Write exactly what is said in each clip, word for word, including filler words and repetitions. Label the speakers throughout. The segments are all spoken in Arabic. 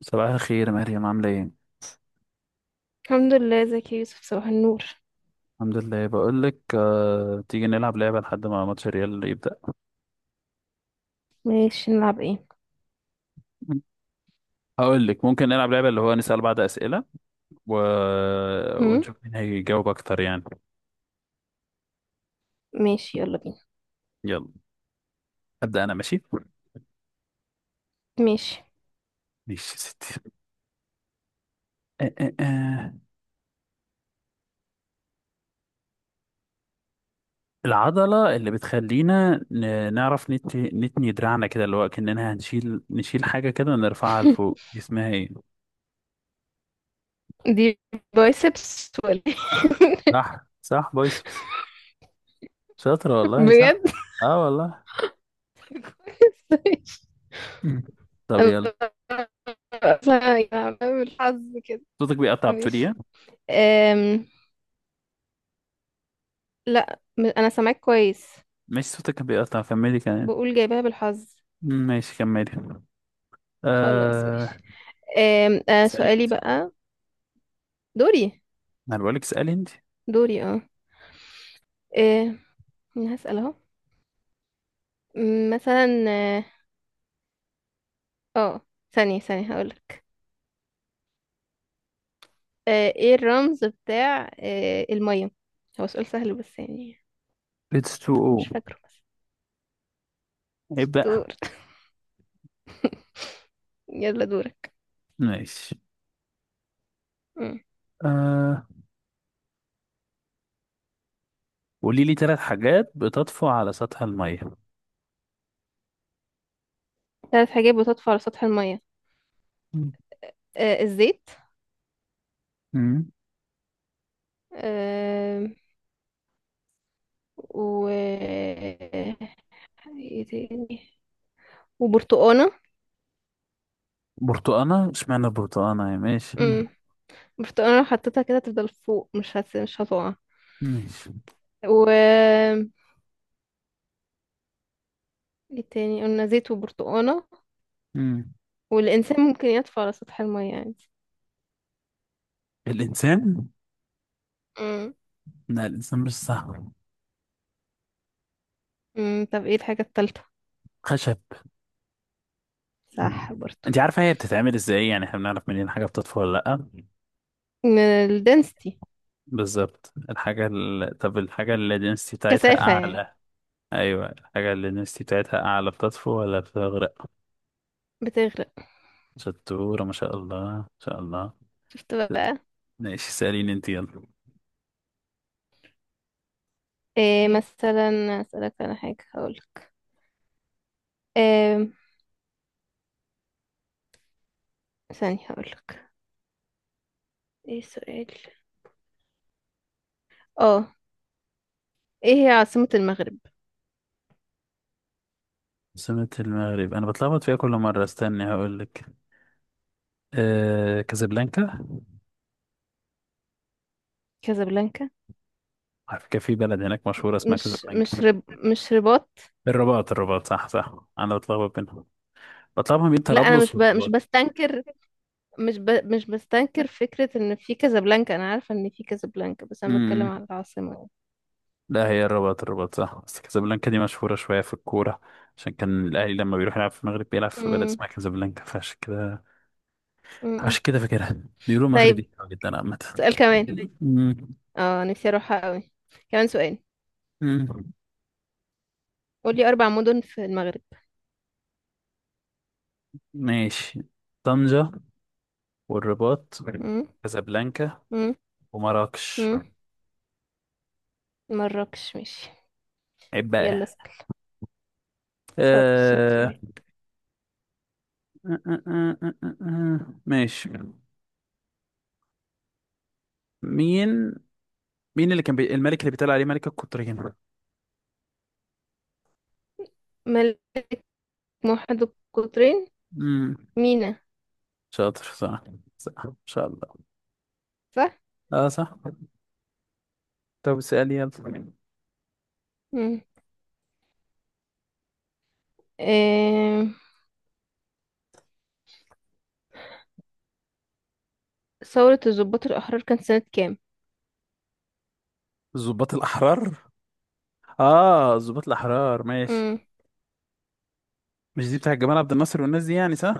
Speaker 1: صباح الخير مريم، عاملة ايه؟
Speaker 2: الحمد لله، ازيك يا يوسف؟ صباح النور.
Speaker 1: الحمد لله. بقولك آه، تيجي نلعب لعبة لحد ما ماتش الريال يبدأ.
Speaker 2: ماشي، نلعب ايه؟
Speaker 1: هقولك ممكن نلعب لعبة اللي هو نسأل بعض أسئلة و...
Speaker 2: امم
Speaker 1: ونشوف مين هيجاوب أكتر يعني.
Speaker 2: ماشي، يلا بينا.
Speaker 1: يلا. أبدأ أنا ماشي؟
Speaker 2: ماشي.
Speaker 1: ماشي يا ستي. آه، آه، آه. العضلة اللي بتخلينا ن- نعرف نت... نتني دراعنا كده، اللي هو كأننا هنشيل نشيل حاجة كده ونرفعها لفوق، دي اسمها ايه؟
Speaker 2: دي بايسبس ولا إيه؟
Speaker 1: صح صح، بايسبس. شاطرة والله، صح.
Speaker 2: بجد.
Speaker 1: اه والله.
Speaker 2: كويس، ماشي.
Speaker 1: طب يلا.
Speaker 2: انا أصلاً يعني بالحظ كده.
Speaker 1: صوتك بيقطع، بتقول
Speaker 2: ماشي.
Speaker 1: ايه؟
Speaker 2: أم... لا، م- انا سامعك كويس.
Speaker 1: ماشي. صوتك كان بيقطع، كملي كلام.
Speaker 2: بقول جايبها بالحظ.
Speaker 1: مم، ماشي كملي.
Speaker 2: خلاص، ماشي.
Speaker 1: آه.
Speaker 2: أم... آه سؤالي
Speaker 1: سألت.
Speaker 2: بقى. دوري.
Speaker 1: انا بقولك اسألي انت.
Speaker 2: دوري. اه أم... أنا هسأل اهو. أم، مثلا، اه آه، ثانية ثانية هقولك. آه، ايه الرمز بتاع آه، المية؟ هو سؤال سهل بس يعني.
Speaker 1: اتس
Speaker 2: بس ممكن
Speaker 1: تو او.
Speaker 2: تكون مش فاكره بس.
Speaker 1: عيب بقى.
Speaker 2: شطور. يلا دورك.
Speaker 1: ماشي.
Speaker 2: مم.
Speaker 1: آه، قولي لي ثلاث حاجات بتطفو على سطح المية.
Speaker 2: ثلاث حاجات بتطفو على سطح المية.
Speaker 1: مم.
Speaker 2: آه، الزيت.
Speaker 1: مم.
Speaker 2: آه، و ايه تاني؟ وبرتقانة.
Speaker 1: برتقانة؟ اشمعنى برتقانة يا ماشي؟ مم.
Speaker 2: مم. برتقانة لو حطيتها كده تفضل فوق، مش هت... مش هتقع.
Speaker 1: ماشي.
Speaker 2: و ايه تاني؟ قلنا زيت وبرتقانة.
Speaker 1: مم.
Speaker 2: والإنسان ممكن يطفو على سطح المية عادي.
Speaker 1: الإنسان؟
Speaker 2: مم.
Speaker 1: لا، الإنسان مش صح.
Speaker 2: مم. طب ايه الحاجة التالتة؟
Speaker 1: خشب.
Speaker 2: صح برضو.
Speaker 1: انت عارفة هي بتتعمل ازاي؟ يعني احنا بنعرف منين حاجة بتطفو ولا لأ؟
Speaker 2: من الدنسيتي.
Speaker 1: بالظبط. الحاجة ال... طب، الحاجة اللي الدنسيتي بتاعتها
Speaker 2: كثافة يعني.
Speaker 1: أعلى. ايوه، الحاجه اللي النسيتي بتاعتها اعلى بتطفو ولا بتغرق؟
Speaker 2: بتغرق.
Speaker 1: شطوره، ما شاء الله ما شاء الله.
Speaker 2: شفت بقى.
Speaker 1: ماشي، سأليني انت يلا.
Speaker 2: إيه
Speaker 1: ماشي.
Speaker 2: مثلا؟ أسألك على حاجة، هقولك إيه. ثانية هقولك ايه السؤال. اه ايه هي عاصمة المغرب؟
Speaker 1: عاصمة المغرب انا بتلخبط فيها كل مره، استني هقول لك. آه، كازابلانكا.
Speaker 2: كازابلانكا.
Speaker 1: على فكره في بلد هناك مشهوره اسمها
Speaker 2: مش
Speaker 1: كازابلانكا.
Speaker 2: مش رب مش رباط.
Speaker 1: الرباط، الرباط صح صح، انا بتلخبط بينهم. بتلخبط بين
Speaker 2: لا، انا مش
Speaker 1: طرابلس
Speaker 2: ب... مش
Speaker 1: والرباط.
Speaker 2: بستنكر مش ب... مش بستنكر فكرة ان في كازابلانكا، انا عارفة ان في كازابلانكا، بس انا بتكلم
Speaker 1: امم
Speaker 2: على العاصمة.
Speaker 1: لا، هي الرباط، الرباط صح، بس كازابلانكا دي مشهوره شويه في الكوره. عشان كان الاهلي لما بيروح يلعب في المغرب بيلعب في بلد
Speaker 2: مم.
Speaker 1: اسمها كازابلانكا، فعشان كده
Speaker 2: مم.
Speaker 1: عشان كده فاكرها. بيقولوا
Speaker 2: طيب،
Speaker 1: مغربي حلو جدا عامة.
Speaker 2: سؤال كمان.
Speaker 1: مم.
Speaker 2: اه نفسي اروحها قوي. كمان سؤال.
Speaker 1: مم.
Speaker 2: قولي اربع مدن في المغرب.
Speaker 1: ماشي. طنجة، والرباط،
Speaker 2: مم.
Speaker 1: كازابلانكا،
Speaker 2: مم.
Speaker 1: ومراكش.
Speaker 2: مم. مراكش، ماشي.
Speaker 1: عيب
Speaker 2: يلا
Speaker 1: بقى.
Speaker 2: اسأل. شاطر شاطر يا واد.
Speaker 1: آه... آه، آه، آه، آه، آه. ماشي. مين مين اللي كان بي... الملك اللي بيتقال عليه ملك القطرين؟
Speaker 2: ملك موحد القطرين.
Speaker 1: مم.
Speaker 2: مينا.
Speaker 1: شاطر، صح. صح ان شاء الله.
Speaker 2: صح؟
Speaker 1: اه صح. طب اسأل يلا.
Speaker 2: مم. آه... ثورة الضباط الأحرار كانت سنة كام؟
Speaker 1: الضباط الأحرار. اه، الضباط الأحرار، ماشي.
Speaker 2: مم.
Speaker 1: مش دي بتاع جمال عبد الناصر والناس دي يعني، صح؟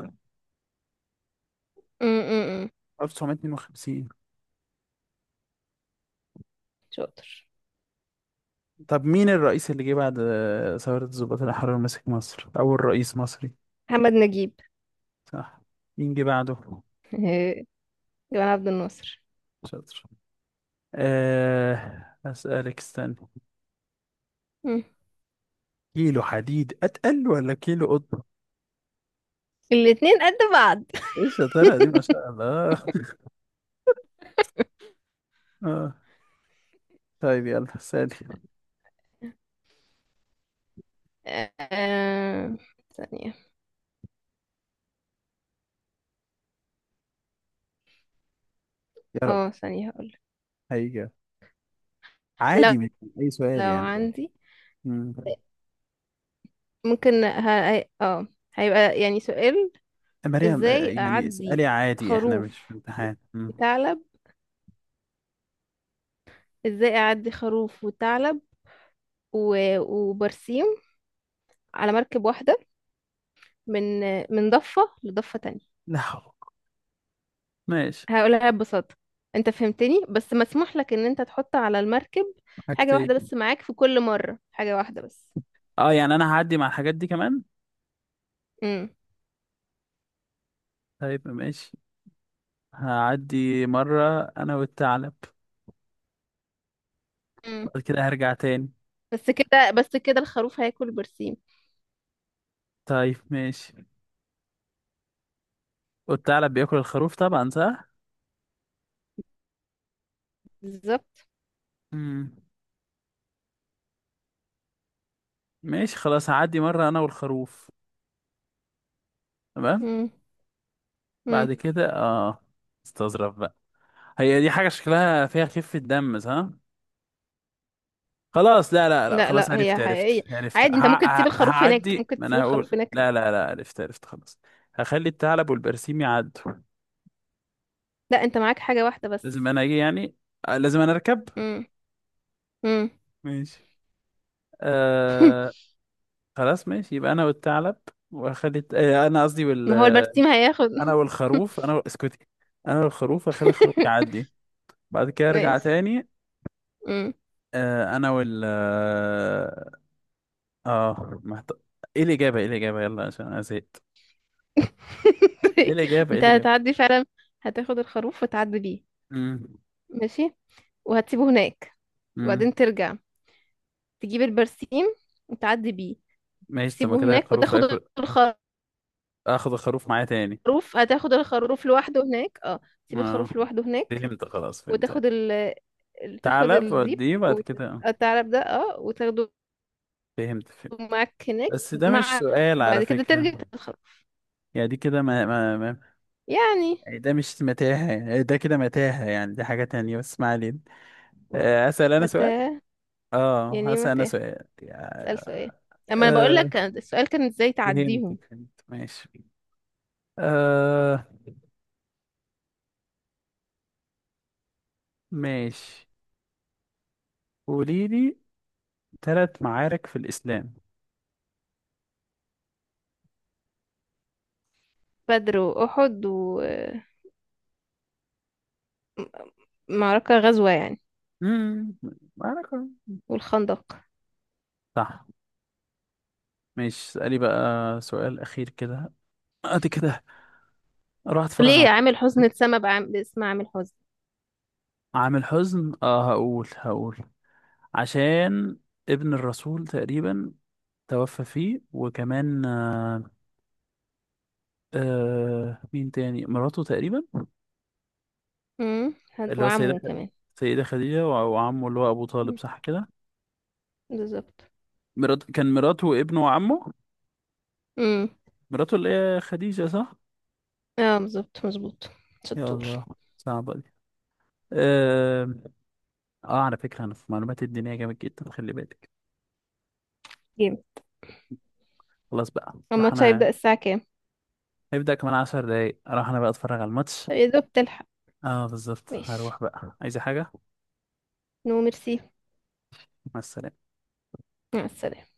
Speaker 2: مم. مم. مم.
Speaker 1: ألف وتسعمية واتنين وخمسين.
Speaker 2: شاطر.
Speaker 1: طب، مين الرئيس اللي جه بعد آه، ثورة الضباط الأحرار، مسك مصر، أول رئيس مصري؟
Speaker 2: محمد نجيب.
Speaker 1: صح. مين جه بعده؟
Speaker 2: آه، جمال عبد الناصر.
Speaker 1: شاطر. أه، أسألك، استنى.
Speaker 2: مم.
Speaker 1: كيلو حديد أتقل ولا كيلو قطن؟
Speaker 2: الاتنين قد بعض.
Speaker 1: إيه الشطارة دي، ما شاء الله. آه. طيب يلا سألي.
Speaker 2: آه... ثانية.
Speaker 1: يا رب.
Speaker 2: اه ثانية هقول.
Speaker 1: هيجي.
Speaker 2: لو
Speaker 1: عادي، من أي سؤال
Speaker 2: لو
Speaker 1: يعني.
Speaker 2: عندي،
Speaker 1: مم.
Speaker 2: ممكن ه... اه هيبقى يعني سؤال.
Speaker 1: مريم، آه،
Speaker 2: ازاي
Speaker 1: يعني
Speaker 2: أعدي
Speaker 1: اسألي عادي، إحنا
Speaker 2: خروف
Speaker 1: مش في امتحان. مم.
Speaker 2: وثعلب؟ ازاي اعدي خروف وثعلب و- وبرسيم على مركب واحدة من من ضفة لضفة تانية؟
Speaker 1: لا حول. ماشي.
Speaker 2: هقولها ببساطة. انت فهمتني، بس مسموح لك ان انت تحط على المركب حاجة واحدة
Speaker 1: حاجتين.
Speaker 2: بس معاك في كل مرة، حاجة واحدة بس.
Speaker 1: اه، يعني انا هعدي مع الحاجات دي كمان.
Speaker 2: امم
Speaker 1: طيب ماشي. هعدي مرة أنا والثعلب.
Speaker 2: امم
Speaker 1: بعد كده هرجع تاني.
Speaker 2: بس كده، بس كده الخروف هياكل برسيم.
Speaker 1: طيب ماشي. والثعلب بياكل الخروف طبعا، صح؟
Speaker 2: بالظبط.
Speaker 1: مم. ماشي خلاص، هعدي مرة أنا والخروف. تمام.
Speaker 2: امم امم
Speaker 1: بعد كده آه استظرف بقى. هي دي حاجة شكلها فيها خفة دم، صح؟ خلاص، لا لا لا،
Speaker 2: لا
Speaker 1: خلاص
Speaker 2: لا، هي
Speaker 1: عرفت
Speaker 2: حقيقية.
Speaker 1: عرفت عرفت، ه...
Speaker 2: عادي، انت ممكن
Speaker 1: ه...
Speaker 2: تسيب الخروف هناك،
Speaker 1: هعدي.
Speaker 2: ممكن
Speaker 1: ما
Speaker 2: تسيب
Speaker 1: أنا هقول
Speaker 2: الخروف هناك.
Speaker 1: لا لا لا، عرفت عرفت، خلاص. هخلي الثعلب والبرسيم يعدوا.
Speaker 2: لا، انت معاك حاجة واحدة بس.
Speaker 1: لازم أنا أجي يعني. آه، لازم أنا أركب.
Speaker 2: امم امم
Speaker 1: ماشي. خلاص ماشي، يبقى انا والثعلب. واخلي آه، انا قصدي وال
Speaker 2: ما هو
Speaker 1: آه،
Speaker 2: البرسيم هياخد.
Speaker 1: انا والخروف، انا و- اسكتي. انا والخروف، اخلي الخروف يعدي. بعد كده ارجع
Speaker 2: ماشي.
Speaker 1: تاني.
Speaker 2: مم.
Speaker 1: آه، انا وال اه آه، محت... ايه الاجابه، ايه الاجابه، يلا عشان انا زهقت. ايه
Speaker 2: طيب،
Speaker 1: الاجابه ايه
Speaker 2: انت
Speaker 1: الاجابه.
Speaker 2: هتعدي فعلا. هتاخد الخروف وتعدي بيه.
Speaker 1: امم
Speaker 2: ماشي. وهتسيبه هناك.
Speaker 1: امم
Speaker 2: وبعدين ترجع، تجيب البرسيم، وتعدي بيه.
Speaker 1: ماشي. طب ما
Speaker 2: تسيبه
Speaker 1: كده
Speaker 2: هناك
Speaker 1: الخروف
Speaker 2: وتاخد
Speaker 1: اكل. اخد الخروف معايا تاني.
Speaker 2: الخروف. هتاخد الخروف لوحده هناك. اه تسيب
Speaker 1: اه
Speaker 2: الخروف لوحده هناك
Speaker 1: فهمت، خلاص فهمت.
Speaker 2: وتاخد ال ال- تاخد
Speaker 1: ثعلب
Speaker 2: الديب
Speaker 1: واديه بعد كده، آه،
Speaker 2: والثعلب ده اه وتاخده
Speaker 1: فهمت فهمت.
Speaker 2: معاك هناك
Speaker 1: بس ده مش
Speaker 2: مع
Speaker 1: سؤال على
Speaker 2: وبعد كده ترجع
Speaker 1: فكره.
Speaker 2: تاخد الخروف.
Speaker 1: يعني دي كده، ما ما
Speaker 2: يعني
Speaker 1: يعني ده مش متاهة يعني، ده كده متاهة يعني، دي حاجة تانية بس ما علينا. آه، أسأل أنا سؤال.
Speaker 2: متى؟
Speaker 1: اه
Speaker 2: يعني
Speaker 1: هسأل أنا
Speaker 2: متى؟
Speaker 1: سؤال
Speaker 2: اسأل سؤال.
Speaker 1: يا-
Speaker 2: اما انا بقول لك
Speaker 1: آه
Speaker 2: كان- السؤال كان ازاي تعديهم.
Speaker 1: فهمتك، فهمت، ماشي. آه. ماشي. قولي لي ثلاث معارك في الإسلام.
Speaker 2: بدر واحد ومعركة. غزوة يعني.
Speaker 1: امم معركة.
Speaker 2: والخندق.
Speaker 1: صح. ماشي، اسألي بقى سؤال أخير كده. أدي كده أروح أتفرج على
Speaker 2: ليه
Speaker 1: الماتش.
Speaker 2: عامل حزن اتسمى بعام... باسم عامل حزن؟
Speaker 1: عامل حزن. اه، هقول هقول. عشان ابن الرسول تقريبا توفى فيه، وكمان آه آه مين تاني، مراته تقريبا.
Speaker 2: امم هن-
Speaker 1: اللي هو سيدة،
Speaker 2: وعمه كمان.
Speaker 1: سيدة خديجة، وع- وعمه اللي هو أبو طالب،
Speaker 2: مم.
Speaker 1: صح كده.
Speaker 2: بالظبط.
Speaker 1: مرات كان مراته وابنه وعمه.
Speaker 2: امم
Speaker 1: مراته اللي هي خديجة، صح.
Speaker 2: اه، بالظبط مظبوط.
Speaker 1: يا
Speaker 2: شطور.
Speaker 1: الله، صعبة دي. آه, آه على فكرة أنا في معلومات الدينية جامد جدا، خلي بالك.
Speaker 2: جيم.
Speaker 1: خلاص بقى، راح
Speaker 2: الماتش
Speaker 1: أنا.
Speaker 2: هيبدأ الساعة كام؟
Speaker 1: هيبدأ كمان عشر دقايق، أروح أنا بقى أتفرج على الماتش.
Speaker 2: طب يا دوب تلحق.
Speaker 1: آه بالظبط،
Speaker 2: ماشي.
Speaker 1: هروح بقى. عايزة حاجة؟
Speaker 2: نو ميرسي.
Speaker 1: مع السلامة.
Speaker 2: مع السلامة.